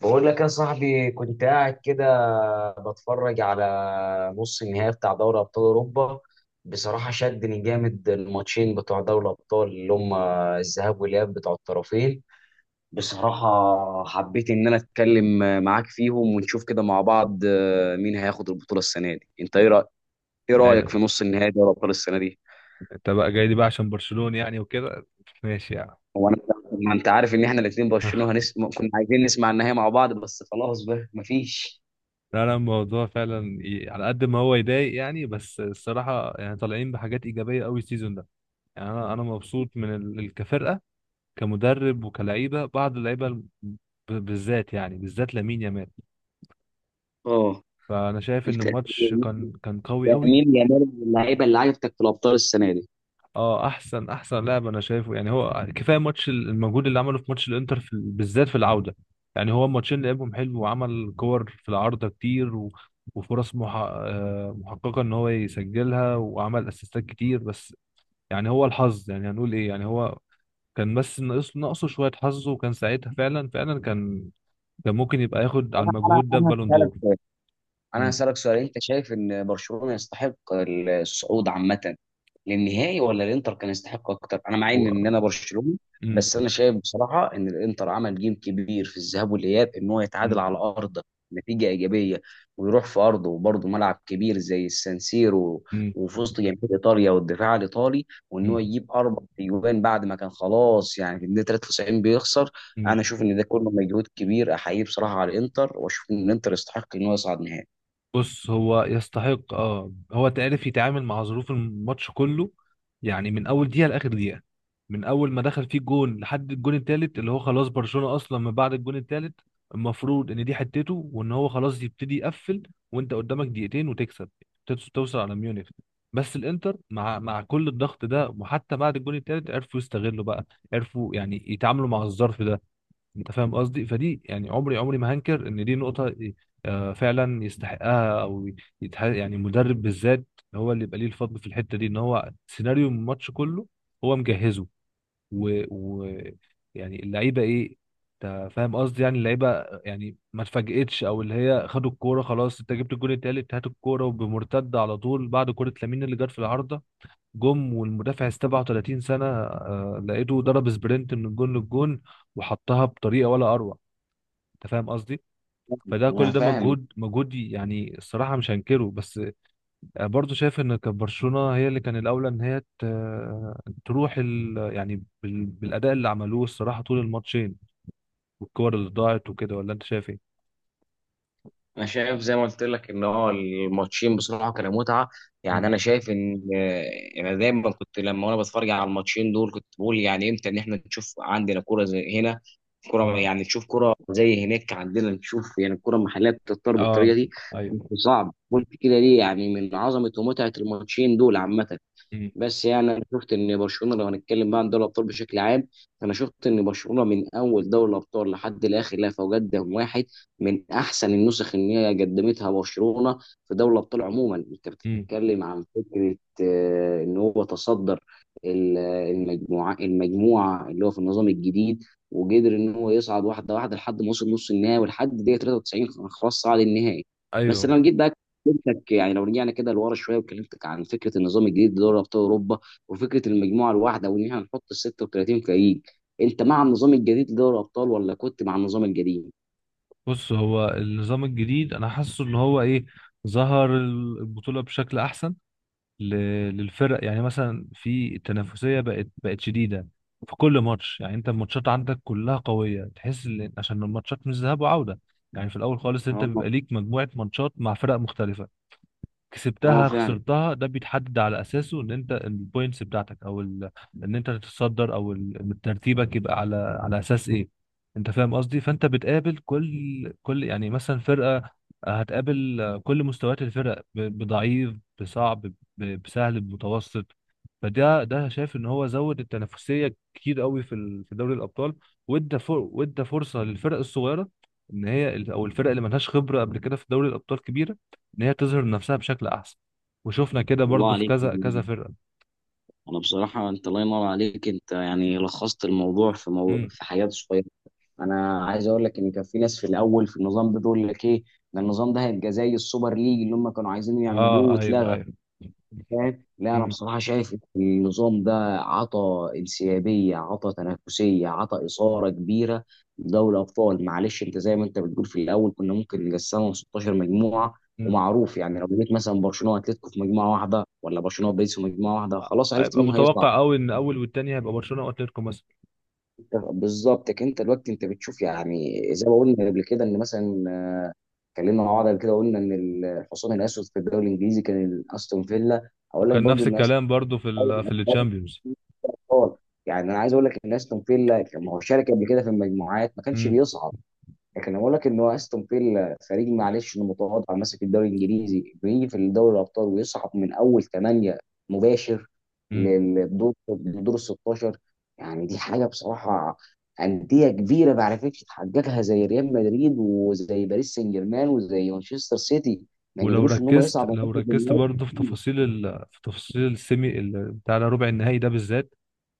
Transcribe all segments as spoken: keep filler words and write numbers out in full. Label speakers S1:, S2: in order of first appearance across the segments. S1: بقول لك يا صاحبي كنت قاعد كده بتفرج على نص النهائي بتاع دوري ابطال اوروبا. بصراحه شدني جامد الماتشين بتوع دوري الابطال اللي هم الذهاب والاياب بتوع الطرفين. بصراحه حبيت ان انا اتكلم معاك فيهم ونشوف كده مع بعض، آه، مين هياخد البطوله السنه دي؟ انت ايه رايك؟ ايه رايك
S2: يعني
S1: في نص النهائي دوري الابطال السنه دي؟
S2: انت بقى جاي لي بقى عشان برشلونة يعني وكده ماشي يعني
S1: هو انا، ما انت عارف ان احنا الاثنين برشلونه، هنس... كنا عايزين نسمع النهائي مع بعض، بس خلاص بقى مفيش.
S2: لا لا الموضوع فعلا ي... على قد ما هو يضايق يعني بس الصراحة يعني طالعين بحاجات إيجابية قوي السيزون ده. يعني أنا أنا مبسوط من ال... ال- كفرقة، كمدرب وكلعيبة بعض اللعيبة ال- ب... بالذات يعني بالذات لامين يامال.
S1: اه،
S2: فأنا شايف إن
S1: انت
S2: الماتش كان كان قوي قوي.
S1: لامين يامال من اللعيبه اللي عجبتك في الابطال السنه دي؟
S2: اه، احسن احسن لاعب انا شايفه يعني. هو كفايه ماتش ال- المجهود اللي عمله في ماتش الانتر في ال- بالذات في العوده. يعني هو الماتشين لعبهم حلو وعمل كور في العارضه كتير و... وفرص مح... آه، محققه ان هو يسجلها، وعمل اسيستات كتير. بس يعني هو الحظ، يعني هنقول ايه، يعني هو كان بس ناقص ناقصه شويه حظ. وكان ساعتها فعلا فعلا كان كان ممكن يبقى ياخد على
S1: انا انا
S2: المجهود ده
S1: أنا
S2: بالون
S1: هسألك
S2: دور.
S1: سؤال. انا
S2: امم
S1: هسألك سؤال انت شايف ان برشلونة يستحق الصعود عامة للنهائي، ولا الانتر كان يستحق اكتر؟ انا مع ان ان
S2: و...
S1: انا برشلوني،
S2: امم
S1: بس انا شايف بصراحة ان الانتر عمل جيم كبير في الذهاب والاياب، ان هو يتعادل على ارضه، نتيجة ايجابية، ويروح في ارضه، وبرضه ملعب كبير زي السانسيرو
S2: امم
S1: وفي وسط جماهير ايطاليا والدفاع الايطالي، وان هو يجيب اربع اجوان بعد ما كان خلاص، يعني في الدقيقة ثلاثة وتسعين بيخسر.
S2: امم
S1: انا اشوف ان ده كله مجهود كبير احييه بصراحة على الانتر، واشوف ان الانتر يستحق ان هو يصعد نهائي.
S2: بص، هو يستحق اه. هو تعرف يتعامل مع ظروف الماتش كله، يعني من اول دقيقه لاخر دقيقه، من اول ما دخل فيه جون لحد الجون التالت. اللي هو خلاص برشلونه اصلا من بعد الجون التالت المفروض ان دي حتته وان هو خلاص يبتدي يقفل، وانت قدامك دقيقتين وتكسب، تت- توصل على ميونخ. بس الانتر مع مع كل الضغط ده وحتى بعد الجون التالت عرفوا يستغلوا بقى، عرفوا يعني يتعاملوا مع الظرف ده. انت فاهم قصدي؟ فدي يعني عمري عمري ما هنكر ان دي نقطه آه، فعلا يستحقها. او يتح... يعني مدرب بالذات هو اللي يبقى ليه الفضل في الحته دي، ان هو سيناريو الماتش كله هو مجهزه. و... و... يعني اللعيبه ايه، انت فاهم قصدي؟ يعني اللعيبه يعني ما اتفاجئتش، او اللي هي خدوا الكوره خلاص، انت جبت الجون التالت، هات الكوره وبمرتده على طول بعد كوره لامين اللي جت في العارضه. جم والمدافع سبعة وتلاتين سنه آه، لقيته ضرب سبرنت من الجون للجون وحطها بطريقه ولا اروع. انت فاهم قصدي؟ فده
S1: انا
S2: كل ده
S1: فاهم.
S2: مجهود مجهود يعني الصراحه مش هنكره. بس برضه شايف ان كانت برشلونه هي اللي كان الاولى ان هي ت- تروح ال يعني بال- بالاداء اللي عملوه الصراحه طول الماتشين، والكور اللي ضاعت وكده. ولا انت شايف ايه؟
S1: انا شايف زي ما قلت لك ان هو الماتشين بصراحه كانوا متعه. يعني
S2: مم.
S1: انا شايف ان، آه، انا دايما كنت لما وانا بتفرج على الماتشين دول كنت بقول، يعني امتى ان احنا نشوف عندنا كوره زي هنا، كوره،
S2: مم.
S1: يعني نشوف كوره زي هناك عندنا، نشوف يعني الكوره المحليه بتضطر بالطريقه
S2: اه.
S1: دي. بس
S2: ايوه.
S1: صعب، قلت كده ليه؟ يعني من عظمه ومتعه الماتشين دول عامه.
S2: مم.
S1: بس يعني انا شفت ان برشلونه، لو هنتكلم بقى عن دوري الابطال بشكل عام، انا شفت ان برشلونه من اول دوري الابطال لحد الاخر لها فوجات دم واحد، من احسن النسخ ان هي قدمتها برشلونه في دوري الابطال عموما. انت
S2: مم.
S1: بتتكلم عن فكره، آه، ان هو تصدر ال- المجموعه المجموعه اللي هو في النظام الجديد، وقدر ان هو يصعد واحده واحده لحد ما وصل نص النهائي، ولحد دقيقه تلاتة وتسعين خلاص صعد النهائي. بس
S2: ايوه.
S1: لما جيت بقى كلمتك، يعني لو رجعنا كده لورا شويه وكلمتك عن فكره النظام الجديد لدوري ابطال اوروبا وفكره المجموعه الواحده وان احنا نحط ال ستة وتلاتين فريق، انت مع النظام الجديد لدوري الابطال ولا كنت مع النظام القديم؟
S2: بص، هو النظام الجديد انا حاسه ان هو ايه، ظهر البطوله بشكل احسن ل- للفرق. يعني مثلا في التنافسيه بقت بقت شديده في كل ماتش. يعني انت الماتشات عندك كلها قويه، تحس ان عشان الماتشات مش ذهاب وعوده. يعني في الاول خالص انت
S1: اه.
S2: بيبقى ليك مجموعه ماتشات مع فرق مختلفه،
S1: اه
S2: كسبتها
S1: فعلا.
S2: خسرتها، ده بيتحدد على اساسه ان انت البوينتس بتاعتك او ال... ان انت تتصدر، او ال- ترتيبك يبقى على على اساس ايه. انت فاهم قصدي؟ فانت بتقابل كل كل يعني مثلا فرقه آه، هتقابل كل مستويات الفرق، ب... بضعيف، بصعب، ب... بسهل، بمتوسط. فده ده شايف ان هو زود التنافسيه كتير قوي في ال... في دوري الابطال، وادى فر... وادى فرصه للفرق الصغيره ان هي، او الفرق اللي ملهاش خبره قبل كده في دوري الابطال كبيره، ان هي تظهر نفسها بشكل احسن. وشفنا كده
S1: الله
S2: برضو في
S1: عليك.
S2: كذا كذا فرقه.
S1: انا بصراحه انت الله ينور عليك، انت يعني لخصت الموضوع في مو...
S2: امم.
S1: في حياه صغيره. انا عايز اقول لك ان كان في ناس في الاول في النظام ده تقول لك ايه، ده النظام ده هيبقى زي السوبر ليج اللي هم كانوا عايزين يعملوه
S2: اه. ايوه
S1: واتلغى.
S2: ايوه.
S1: فاهم؟ لا انا
S2: امم.
S1: بصراحه شايف ان النظام ده عطى انسيابيه، عطى تنافسيه، عطى اثاره كبيره لدوري ابطال. معلش انت زي ما انت بتقول، في الاول كنا ممكن نقسمهم ستاشر مجموعه،
S2: امم.
S1: ومعروف يعني لو جيت مثلا برشلونه واتلتيكو في مجموعه واحده، ولا برشلونه وباريس في مجموعه واحده، خلاص عرفت
S2: هيبقى
S1: مين هيصعد.
S2: متوقع قوي ان اول والتاني هيبقى برشلونه واتلتيكو مثلا.
S1: أنت- بالظبط. لكن انت دلوقتي انت بتشوف، يعني زي ما قلنا قبل كده، ان مثلا، آه، اتكلمنا مع بعض قبل كده، قلنا ان الحصان الاسود في الدوري الانجليزي كان استون فيلا. اقول لك
S2: وكان
S1: برضو
S2: نفس
S1: ان استون
S2: الكلام برضو في ال في التشامبيونز.
S1: فيلا خالص، يعني انا عايز اقول لك ان استون فيلا كان- ما هو شارك قبل كده في المجموعات ما كانش
S2: امم.
S1: بيصعد، لكن أنا بقول لك ان هو استون فيلا فريق معلش انه متواضع، ماسك الدوري الانجليزي، بيجي في دوري الابطال ويصعد من اول ثمانيه مباشر
S2: امم.
S1: للدور، لدور ال ستاشر. يعني دي حاجه بصراحه، انديه كبيره ما عرفتش تحققها زي ريال مدريد وزي باريس سان جيرمان وزي مانشستر سيتي، ما
S2: ولو
S1: قدروش ان هم
S2: ركزت
S1: يصعدوا.
S2: لو ركزت
S1: من.
S2: برضو في تفاصيل ال في تفاصيل السيمي ال- بتاع ربع النهائي ده بالذات،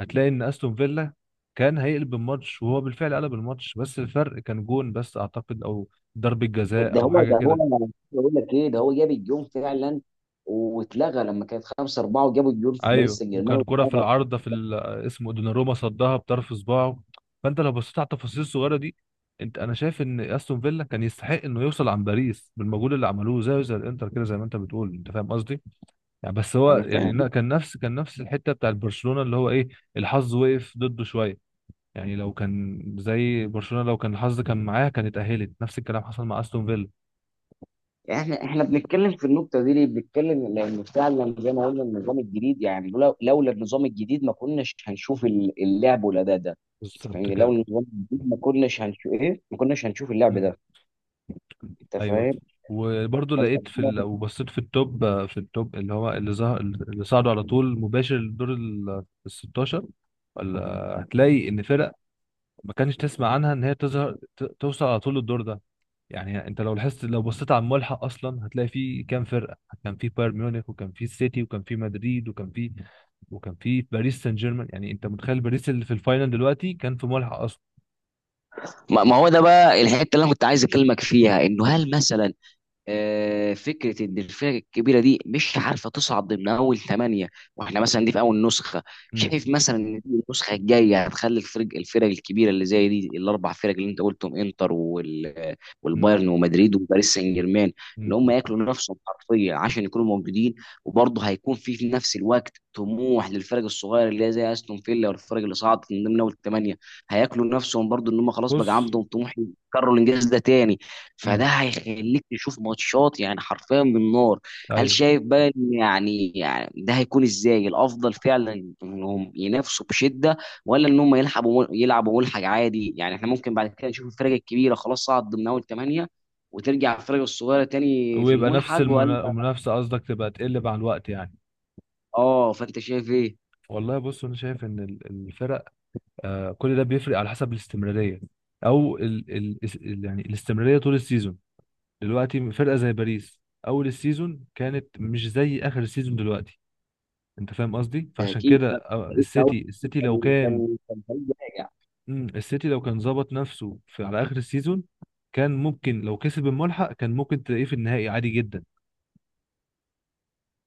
S2: هتلاقي ان استون فيلا كان هيقلب الماتش، وهو بالفعل قلب الماتش. بس الفرق كان جون بس اعتقد، او ضربة جزاء
S1: ده
S2: او
S1: هو،
S2: حاجة
S1: ده هو،
S2: كده.
S1: بقول لك ايه، ده هو جاب الجون فعلا واتلغى لما كانت خمسة اربعة، وجابوا الجون في باريس
S2: ايوه،
S1: سان
S2: وكان
S1: جيرمان
S2: كرة في
S1: واتلغى.
S2: العارضة في ال- اسمه دوناروما صدها بطرف صباعه. فانت لو بصيت على التفاصيل الصغيرة دي، انت انا شايف ان استون فيلا كان يستحق انه يوصل عن باريس بالمجهود اللي عملوه زيه زي الانتر كده زي ما انت بتقول. انت فاهم قصدي؟ يعني بس هو
S1: انا
S2: يعني لا،
S1: فاهم.
S2: كان نفس كان نفس الحتة بتاع برشلونة، اللي هو ايه، الحظ وقف ضده شوية. يعني لو كان زي برشلونة، لو كان الحظ كان معاها، كانت اتأهلت. نفس الكلام حصل مع استون فيلا.
S1: احنا احنا بنتكلم في النقطه دي ليه؟ بنتكلم لان فعلا زي ما قلنا النظام الجديد، يعني لولا لولا النظام الجديد ما كناش هنشوف ال- اللعب والاداء ده. انت
S2: بالظبط
S1: فاهمني؟
S2: كده.
S1: لولا النظام الجديد ما كناش هنشوف ايه، ما كناش هنشوف اللعب ده. انت
S2: ايوه.
S1: فاهم؟
S2: وبرضه
S1: فانت
S2: لقيت في ال- لو بصيت في التوب، في التوب اللي هو اللي ظهر، اللي صعدوا على طول مباشر لدور ال ال الستاشر، ولا هتلاقي ان فرق ما كانش تسمع عنها ان هي تظهر، ت- توصل على طول للدور ده. يعني انت لو لاحظت، لو بصيت على الملحق اصلا، هتلاقي في كام فرقه: كان في بايرن ميونخ، وكان في السيتي، وكان في مدريد، وكان في وكان في باريس سان جيرمان. يعني انت متخيل باريس اللي في الفاينل دلوقتي كان في ملحق اصلا؟
S1: ما، ما هو ده بقى الحته اللي انا كنت عايز اكلمك فيها، انه هل مثلا، آه، فكره ان الفرق الكبيره دي مش عارفه تصعد ضمن اول ثمانيه، واحنا مثلا دي في اول نسخه.
S2: امم.
S1: شايف مثلا ان دي النسخه الجايه هتخلي الفرق الفرق الكبيره اللي زي دي، الاربع فرق اللي انت قلتهم، انتر وال
S2: امم.
S1: والبايرن ومدريد وباريس سان جيرمان، ان
S2: امم.
S1: هم ياكلوا نفسهم حرفيا عشان يكونوا موجودين. وبرضه هيكون في في نفس الوقت طموح للفرق الصغيره اللي هي زي استون فيلا، والفرق اللي صعدت من ضمن اول ثمانيه هياكلوا نفسهم برضه، ان هم خلاص بقى
S2: بص.
S1: عندهم طموح يكرروا الانجاز ده تاني. فده
S2: امم.
S1: هيخليك تشوف ماتشات يعني حرفيا من نار. هل
S2: ايوه.
S1: شايف بقى إن يعني، يعني ده هيكون ازاي؟ الافضل فعلا انهم ينافسوا بشده، ولا ان هم يلعبوا، يلعبوا ملحق عادي؟ يعني احنا ممكن بعد كده نشوف الفرق الكبيره خلاص صعد ضمن اول ثمانيه، وترجع الفرق الصغيره تاني في
S2: ويبقى نفس
S1: الملحق، ولا؟
S2: المنا- المنافسه قصدك تبقى تقل مع الوقت يعني.
S1: اه، فانت شايف ايه؟
S2: والله بص، انا شايف ان ال- الفرق آه، كل ده بيفرق على حسب الاستمراريه، او ال ال اس- ال- يعني الاستمراريه طول السيزون. دلوقتي فرقه زي باريس اول السيزون كانت مش زي اخر السيزون دلوقتي. انت فاهم قصدي؟
S1: ده
S2: فعشان
S1: اكيد
S2: كده
S1: ده.
S2: آه،
S1: لسه
S2: السيتي
S1: أول-
S2: السيتي لو
S1: كان
S2: كان،
S1: كان كان فريق راجع.
S2: مم، السيتي لو كان ظبط نفسه في على اخر السيزون، كان ممكن لو كسب الملحق كان ممكن تلاقيه في النهائي عادي جدا.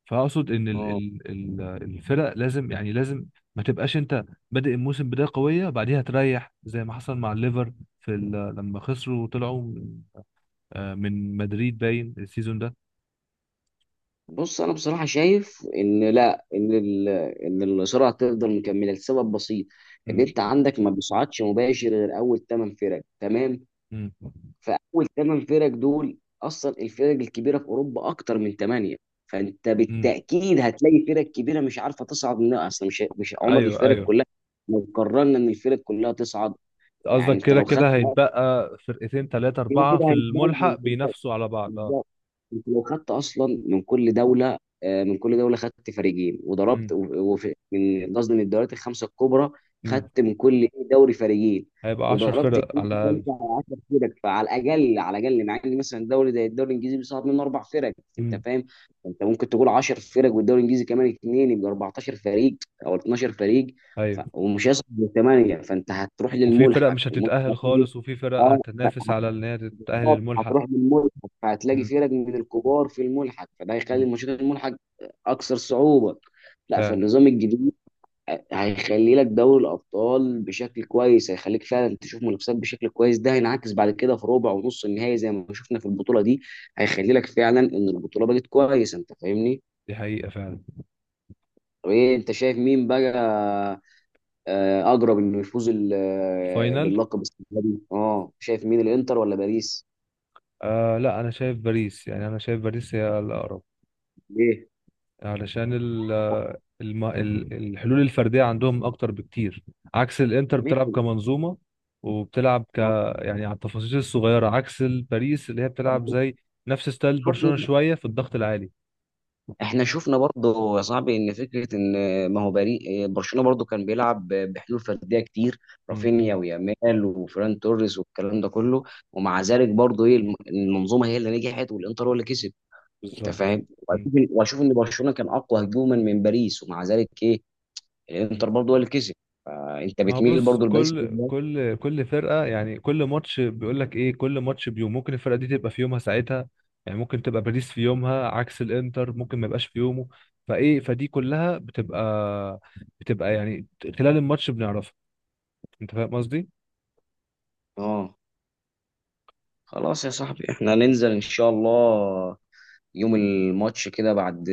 S2: فاقصد ان ال
S1: اه،
S2: ال ال الفرق لازم، يعني لازم، ما تبقاش انت بادئ الموسم بدايه قويه بعديها تريح، زي ما حصل مع الليفر في ال- لما خسروا وطلعوا من آه، من مدريد باين السيزون ده.
S1: بص انا بصراحه شايف ان، لا، ان ال- ان الصراع تفضل مكمله لسبب بسيط، ان
S2: مم.
S1: انت عندك ما بيصعدش مباشر غير اول ثمان فرق، تمام؟
S2: مم.
S1: فاول ثمان فرق دول اصلا الفرق الكبيره في اوروبا اكتر من ثمانيه، فانت
S2: مم.
S1: بالتاكيد هتلاقي فرق كبيره مش عارفه تصعد منها اصلا، مش مش عمر
S2: ايوه
S1: الفرق
S2: ايوه.
S1: كلها لو قررنا ان الفرق كلها تصعد. يعني
S2: قصدك
S1: انت
S2: كده
S1: لو خدت
S2: كده
S1: مرة،
S2: هيتبقى فرقتين ثلاثه
S1: كده
S2: اربعه
S1: كده
S2: في
S1: هيتبوظ.
S2: الملحق بينافسوا على بعض،
S1: انت
S2: اه.
S1: انت لو خدت اصلا من كل دوله، آه، من كل دوله خدت فريقين، وضربت
S2: مم.
S1: و- وفي، من، قصدي من الدوريات الخمسه الكبرى،
S2: مم.
S1: خدت من كل إيه، دوري فريقين،
S2: هيبقى عشر
S1: وضربت
S2: فرق على
S1: اتنين في
S2: الاقل.
S1: خمسه على عشر فرق، فعلى الاقل، على الاقل، مع ان مثلا الدوري زي الدوري الانجليزي بيصعب منه اربع فرق. انت
S2: مم.
S1: فاهم. انت ممكن تقول عشر فرق والدوري الانجليزي كمان اثنين يبقى اربعتاشر فريق، او اثنا عشر فريق، ف...
S2: ايوه.
S1: ومش هيصعد من ثمانيه، فانت هتروح
S2: وفي فرق
S1: للملحق،
S2: مش
S1: الملحق
S2: هتتاهل
S1: هيجي-
S2: خالص، وفي فرق
S1: اه،
S2: هتنافس على ان هي تتاهل
S1: بالظبط،
S2: الملحق.
S1: هتروح بالملحق. فهتلاقي
S2: مم.
S1: فرق من الكبار في الملحق، فده
S2: مم.
S1: هيخلي ماتشات الملحق اكثر صعوبه. لا،
S2: فعلا.
S1: فالنظام الجديد هيخلي لك دوري الابطال بشكل كويس، هيخليك فعلا تشوف منافسات بشكل كويس، ده هينعكس بعد كده في ربع ونص النهائي زي ما شفنا في البطوله دي. هيخلي لك فعلا ان البطوله بقت كويسه. انت فاهمني؟
S2: دي حقيقة فعلا.
S1: طب ايه، انت شايف مين بقى، آه، اقرب انه يفوز ال- آه،
S2: الفاينل
S1: باللقب السنه دي؟ اه، شايف مين، الانتر ولا باريس؟
S2: آه، لا، أنا شايف باريس. يعني أنا شايف باريس هي الأقرب،
S1: ليه؟
S2: علشان ال الم... ال- الحلول الفردية عندهم أكتر بكتير، عكس الإنتر بتلعب
S1: مين؟
S2: كمنظومة، وبتلعب ك
S1: اه،
S2: يعني على التفاصيل الصغيرة، عكس الباريس اللي هي
S1: طب
S2: بتلعب زي نفس ستايل
S1: شوف،
S2: برشلونة شوية في الضغط العالي.
S1: احنا شفنا برضه يا صاحبي ان فكره ان ما هو بري برشلونه برضه كان بيلعب بحلول فرديه كتير،
S2: مم.
S1: رافينيا ويامال وفران توريس والكلام ده كله، ومع ذلك برضه ايه، الم- المنظومه هي اللي نجحت والانتر هو اللي كسب. انت
S2: بالظبط.
S1: فاهم؟
S2: مم.
S1: واشوف واشوف ان برشلونه كان اقوى هجوما من باريس، ومع ذلك ايه، الانتر برضه هو اللي كسب. فانت
S2: ما هو
S1: بتميل
S2: بص،
S1: برضه لباريس في
S2: كل
S1: النهاية.
S2: كل كل فرقة يعني، كل ماتش بيقول لك ايه، كل ماتش بيوم، ممكن الفرقة دي تبقى في يومها ساعتها. يعني ممكن تبقى باريس في يومها عكس الانتر ممكن ما يبقاش في يومه. فايه، فدي كلها بتبقى بتبقى يعني خلال الماتش بنعرفها. انت فاهم قصدي؟
S1: اه، خلاص يا صاحبي، احنا ننزل ان شاء الله يوم الماتش كده، بعد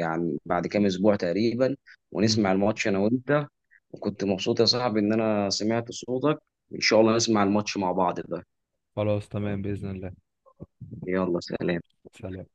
S1: يعني بعد كام اسبوع تقريبا،
S2: مم.
S1: ونسمع الماتش انا وانت. وكنت مبسوط يا صاحبي ان انا سمعت صوتك. ان شاء الله نسمع الماتش مع بعض بقى.
S2: خلاص تمام بإذن الله.
S1: يلا، سلام.
S2: سلام.